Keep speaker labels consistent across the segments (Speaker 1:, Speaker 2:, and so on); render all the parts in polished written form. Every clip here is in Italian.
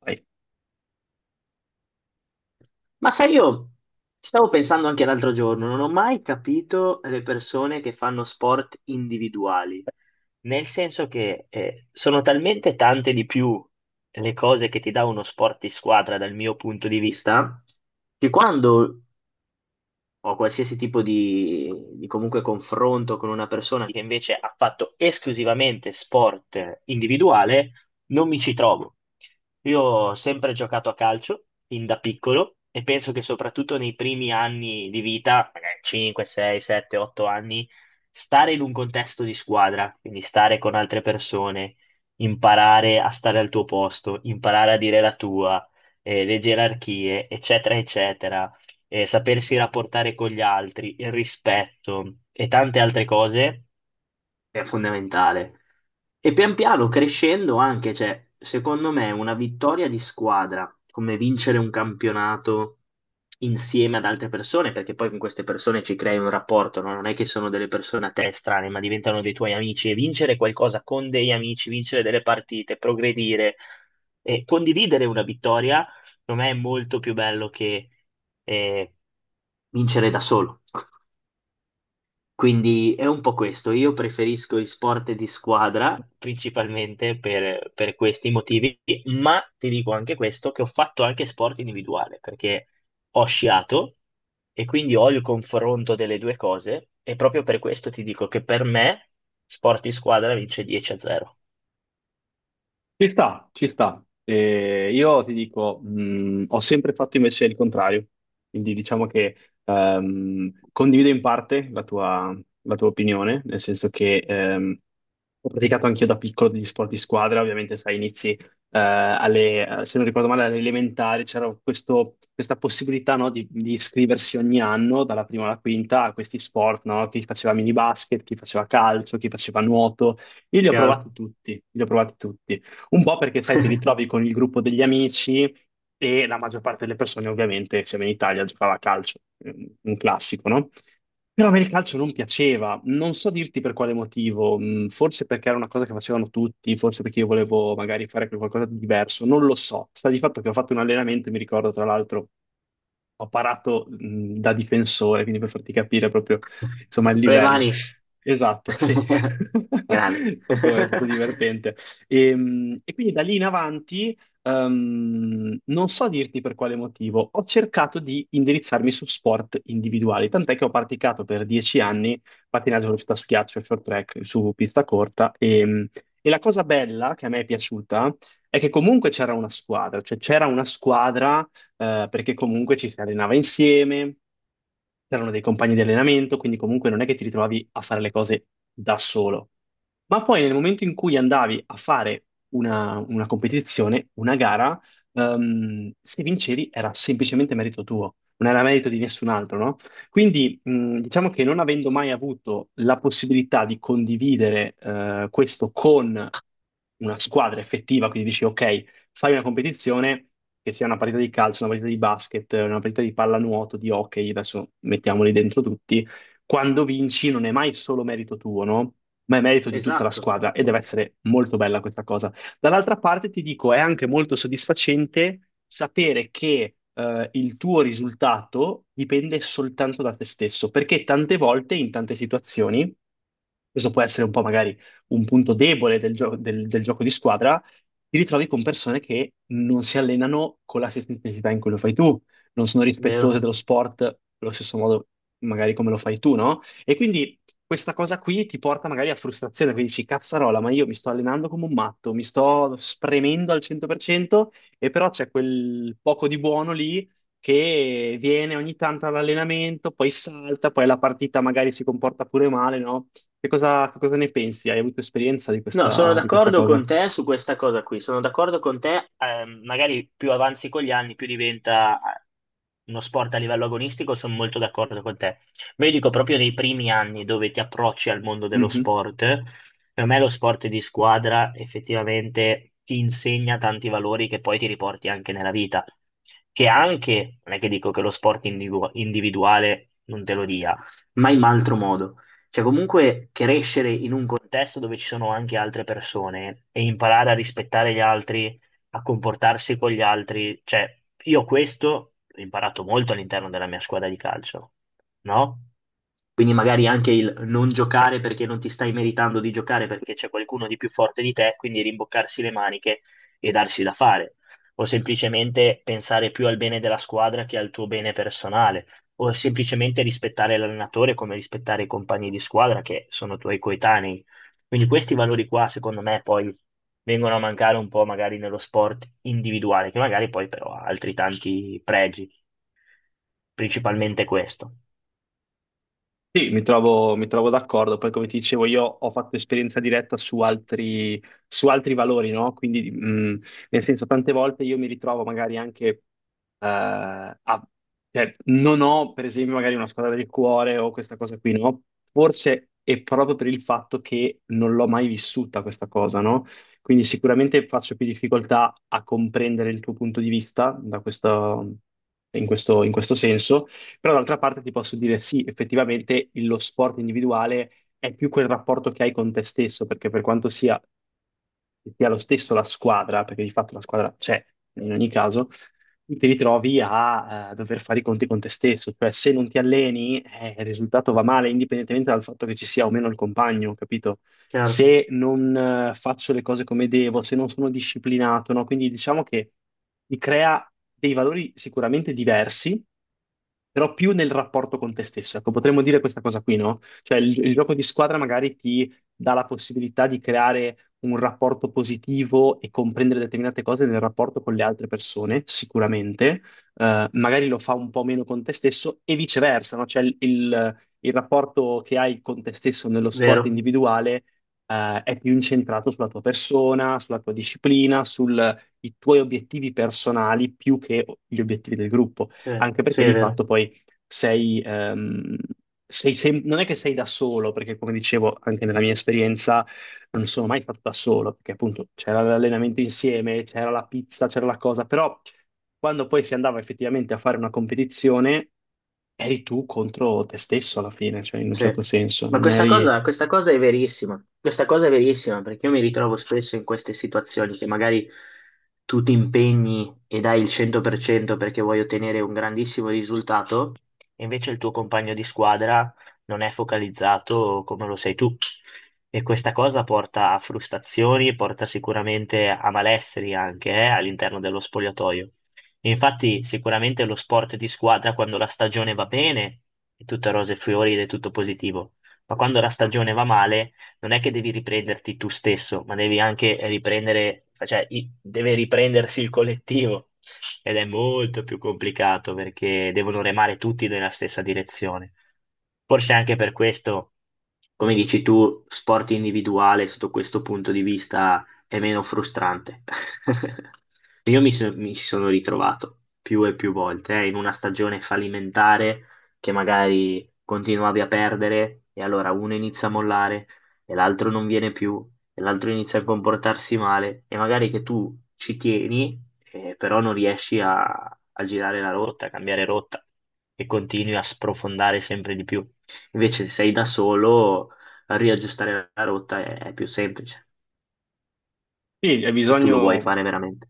Speaker 1: Vai.
Speaker 2: Ma sai, io stavo pensando anche l'altro giorno, non ho mai capito le persone che fanno sport individuali, nel senso che sono talmente tante di più le cose che ti dà uno sport di squadra dal mio punto di vista, che quando ho qualsiasi tipo di comunque confronto con una persona che invece ha fatto esclusivamente sport individuale, non mi ci trovo. Io ho sempre giocato a calcio, fin da piccolo, e penso che soprattutto nei primi anni di vita, magari 5, 6, 7, 8 anni, stare in un contesto di squadra, quindi stare con altre persone, imparare a stare al tuo posto, imparare a dire la tua, le gerarchie, eccetera, eccetera, sapersi rapportare con gli altri, il rispetto e tante altre cose è fondamentale. E pian piano crescendo anche, cioè, secondo me una vittoria di squadra, come vincere un campionato insieme ad altre persone, perché poi con queste persone ci crei un rapporto, no? Non è che sono delle persone a te strane, ma diventano dei tuoi amici e vincere qualcosa con degli amici, vincere delle partite, progredire e condividere una vittoria, secondo me è molto più bello che eh, vincere da solo. Quindi è un po' questo, io preferisco gli sport di squadra principalmente per questi motivi, ma ti dico anche questo, che ho fatto anche sport individuale, perché ho sciato e quindi ho il confronto delle due cose e proprio per questo ti dico che per me sport di squadra vince 10-0.
Speaker 1: Ci sta, ci sta. Io ti dico, ho sempre fatto invece il contrario, quindi diciamo che condivido in parte la tua opinione, nel senso che ho praticato anch'io da piccolo degli sport di squadra. Ovviamente sai, inizi se non ricordo male, alle elementari, c'era questa possibilità, no, di iscriversi ogni anno, dalla prima alla quinta, a questi sport, no? Chi faceva mini basket, chi faceva calcio, chi faceva nuoto. Io li ho
Speaker 2: Chiaro?
Speaker 1: provati tutti, li ho provati tutti. Un po' perché, sai, ti ritrovi con il gruppo degli amici e la maggior parte delle persone, ovviamente, siamo in Italia, giocava a calcio, un classico, no? Però a me il calcio non piaceva, non so dirti per quale motivo, forse perché era una cosa che facevano tutti, forse perché io volevo magari fare qualcosa di diverso, non lo so. Sta di fatto che ho fatto un allenamento, mi ricordo tra l'altro, ho parato da difensore, quindi per farti capire proprio insomma il
Speaker 2: Con le
Speaker 1: livello.
Speaker 2: mani.
Speaker 1: Esatto, sì.
Speaker 2: Grande.
Speaker 1: È stato divertente. E quindi da lì in avanti. Non so dirti per quale motivo, ho cercato di indirizzarmi su sport individuali, tant'è che ho praticato per dieci anni pattinaggio velocità su ghiaccio, short track su pista corta, e la cosa bella che a me è piaciuta è che comunque c'era una squadra, cioè c'era una squadra, perché comunque ci si allenava insieme, c'erano dei compagni di allenamento, quindi comunque non è che ti ritrovavi a fare le cose da solo. Ma poi nel momento in cui andavi a fare una competizione, una gara, se vincevi era semplicemente merito tuo, non era merito di nessun altro, no? Quindi, diciamo che non avendo mai avuto la possibilità di condividere questo con una squadra effettiva, quindi dici ok, fai una competizione, che sia una partita di calcio, una partita di basket, una partita di pallanuoto, di hockey, adesso mettiamoli dentro tutti, quando vinci non è mai solo merito tuo, no? Ma è merito di tutta la
Speaker 2: Esatto,
Speaker 1: squadra e deve essere molto bella questa cosa. Dall'altra parte ti dico, è anche molto soddisfacente sapere che, il tuo risultato dipende soltanto da te stesso, perché tante volte, in tante situazioni, questo può essere un po' magari un punto debole del gioco di squadra: ti ritrovi con persone che non si allenano con la stessa intensità in cui lo fai tu, non sono
Speaker 2: vero.
Speaker 1: rispettose dello sport allo stesso modo magari come lo fai tu, no? E quindi questa cosa qui ti porta magari a frustrazione, quindi dici, cazzarola, ma io mi sto allenando come un matto, mi sto spremendo al 100% e però c'è quel poco di buono lì, che viene ogni tanto all'allenamento, poi salta, poi la partita magari si comporta pure male, no? Che cosa ne pensi? Hai avuto esperienza di
Speaker 2: No, sono
Speaker 1: questa
Speaker 2: d'accordo
Speaker 1: cosa?
Speaker 2: con te su questa cosa qui, sono d'accordo con te, magari più avanzi con gli anni, più diventa uno sport a livello agonistico, sono molto d'accordo con te. Ma io dico proprio nei primi anni dove ti approcci al mondo dello
Speaker 1: Mhm.
Speaker 2: sport, per me lo sport di squadra effettivamente ti insegna tanti valori che poi ti riporti anche nella vita, che anche, non è che dico che lo sport individuale non te lo dia, ma in altro modo. Cioè, comunque crescere in un contesto dove ci sono anche altre persone e imparare a rispettare gli altri, a comportarsi con gli altri, cioè, io questo l'ho imparato molto all'interno della mia squadra di calcio, no? Quindi magari anche il non giocare perché non ti stai meritando di giocare perché c'è qualcuno di più forte di te, quindi rimboccarsi le maniche e darsi da fare, o semplicemente pensare più al bene della squadra che al tuo bene personale o semplicemente rispettare l'allenatore come rispettare i compagni di squadra che sono tuoi coetanei. Quindi questi valori qua, secondo me, poi vengono a mancare un po' magari nello sport individuale, che magari poi però ha altri tanti pregi, principalmente questo.
Speaker 1: Sì, mi trovo d'accordo. Poi, come ti dicevo, io ho fatto esperienza diretta su altri valori, no? Quindi, nel senso, tante volte io mi ritrovo magari anche, a- cioè, non ho, per esempio, magari una squadra del cuore o questa cosa qui, no? Forse è proprio per il fatto che non l'ho mai vissuta questa cosa, no? Quindi sicuramente faccio più difficoltà a comprendere il tuo punto di vista da in questo senso. Però d'altra parte ti posso dire sì, effettivamente lo sport individuale è più quel rapporto che hai con te stesso, perché per quanto sia lo stesso la squadra, perché di fatto la squadra c'è in ogni caso, tu ti ritrovi a, dover fare i conti con te stesso, cioè se non ti alleni, il risultato va male, indipendentemente dal fatto che ci sia o meno il compagno, capito?
Speaker 2: Chiaro,
Speaker 1: Se non, faccio le cose come devo, se non sono disciplinato, no? Quindi diciamo che ti crea dei valori sicuramente diversi, però più nel rapporto con te stesso. Ecco, potremmo dire questa cosa qui, no? Cioè il gioco di squadra magari ti dà la possibilità di creare un rapporto positivo e comprendere determinate cose nel rapporto con le altre persone, sicuramente. Magari lo fa un po' meno con te stesso e viceversa, no? Cioè il rapporto che hai con te stesso nello sport
Speaker 2: vero,
Speaker 1: individuale, è più incentrato sulla tua persona, sulla tua disciplina, sui tuoi obiettivi personali più che gli obiettivi del gruppo,
Speaker 2: sì,
Speaker 1: anche
Speaker 2: sì,
Speaker 1: perché
Speaker 2: è
Speaker 1: di
Speaker 2: vero.
Speaker 1: fatto poi sei, ehm, sei, non è che sei da solo, perché come dicevo anche nella mia esperienza non sono mai stato da solo, perché appunto c'era l'allenamento insieme, c'era la pizza, c'era la cosa, però quando poi si andava effettivamente a fare una competizione, eri tu contro te stesso alla fine, cioè in un
Speaker 2: Sì,
Speaker 1: certo senso,
Speaker 2: ma
Speaker 1: non eri...
Speaker 2: questa cosa è verissima, questa cosa è verissima perché io mi ritrovo spesso in queste situazioni che magari tu ti impegni e dai il 100% perché vuoi ottenere un grandissimo risultato, e invece il tuo compagno di squadra non è focalizzato come lo sei tu. E questa cosa porta a frustrazioni, porta sicuramente a malesseri anche, all'interno dello spogliatoio. E infatti sicuramente lo sport di squadra quando la stagione va bene è tutto rose e fiori ed è tutto positivo, ma quando la stagione va male non è che devi riprenderti tu stesso, ma devi anche riprendere, cioè deve riprendersi il collettivo ed è molto più complicato perché devono remare tutti nella stessa direzione. Forse anche per questo, come dici tu, sport individuale sotto questo punto di vista è meno frustrante. Io mi ci sono ritrovato più e più volte, in una stagione fallimentare che magari continuavi a perdere e allora uno inizia a mollare e l'altro non viene più e l'altro inizia a comportarsi male e magari che tu ci tieni, però non riesci a girare la rotta, a cambiare rotta e continui a sprofondare sempre di più. Invece se sei da solo, riaggiustare la rotta è più semplice,
Speaker 1: Sì, hai
Speaker 2: se tu lo vuoi
Speaker 1: bisogno.
Speaker 2: fare veramente.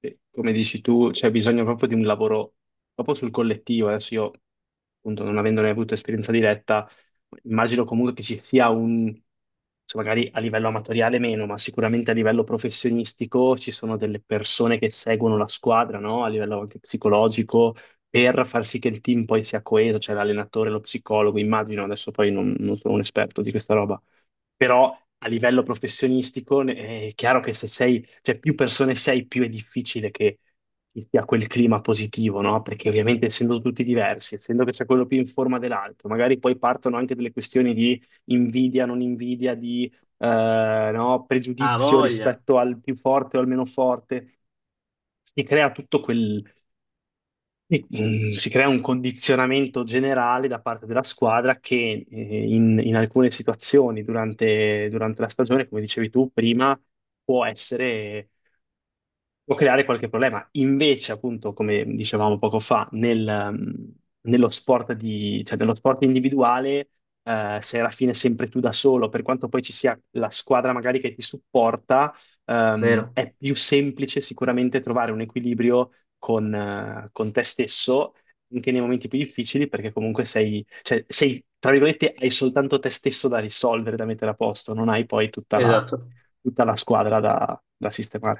Speaker 1: Sì, come dici tu, c'è bisogno proprio di un lavoro proprio sul collettivo. Adesso io, appunto, non avendone avuto esperienza diretta, immagino comunque che ci sia cioè, magari a livello amatoriale meno, ma sicuramente a livello professionistico ci sono delle persone che seguono la squadra, no? A livello anche psicologico, per far sì che il team poi sia coeso, cioè l'allenatore, lo psicologo, immagino, adesso poi non sono un esperto di questa roba, però a livello professionistico, è chiaro che se sei, cioè più persone sei, più è difficile che ci sia quel clima positivo, no? Perché ovviamente essendo tutti diversi, essendo che c'è quello più in forma dell'altro, magari poi partono anche delle questioni di invidia, non invidia, di no,
Speaker 2: Ha
Speaker 1: pregiudizio
Speaker 2: voglia,
Speaker 1: rispetto al più forte o al meno forte. Si crea tutto, sì. Si crea un condizionamento generale da parte della squadra che, in alcune situazioni durante, durante la stagione, come dicevi tu prima, può essere può creare qualche problema. Invece, appunto, come dicevamo poco fa, nello cioè, nello sport individuale, sei alla fine sempre tu da solo, per quanto poi ci sia la squadra magari che ti supporta.
Speaker 2: vero?
Speaker 1: È più semplice sicuramente trovare un equilibrio con te stesso. Anche nei momenti più difficili, perché comunque sei, cioè, sei, tra virgolette, hai soltanto te stesso da risolvere, da mettere a posto, non hai poi tutta la,
Speaker 2: Esatto.
Speaker 1: tutta la squadra da sistemare.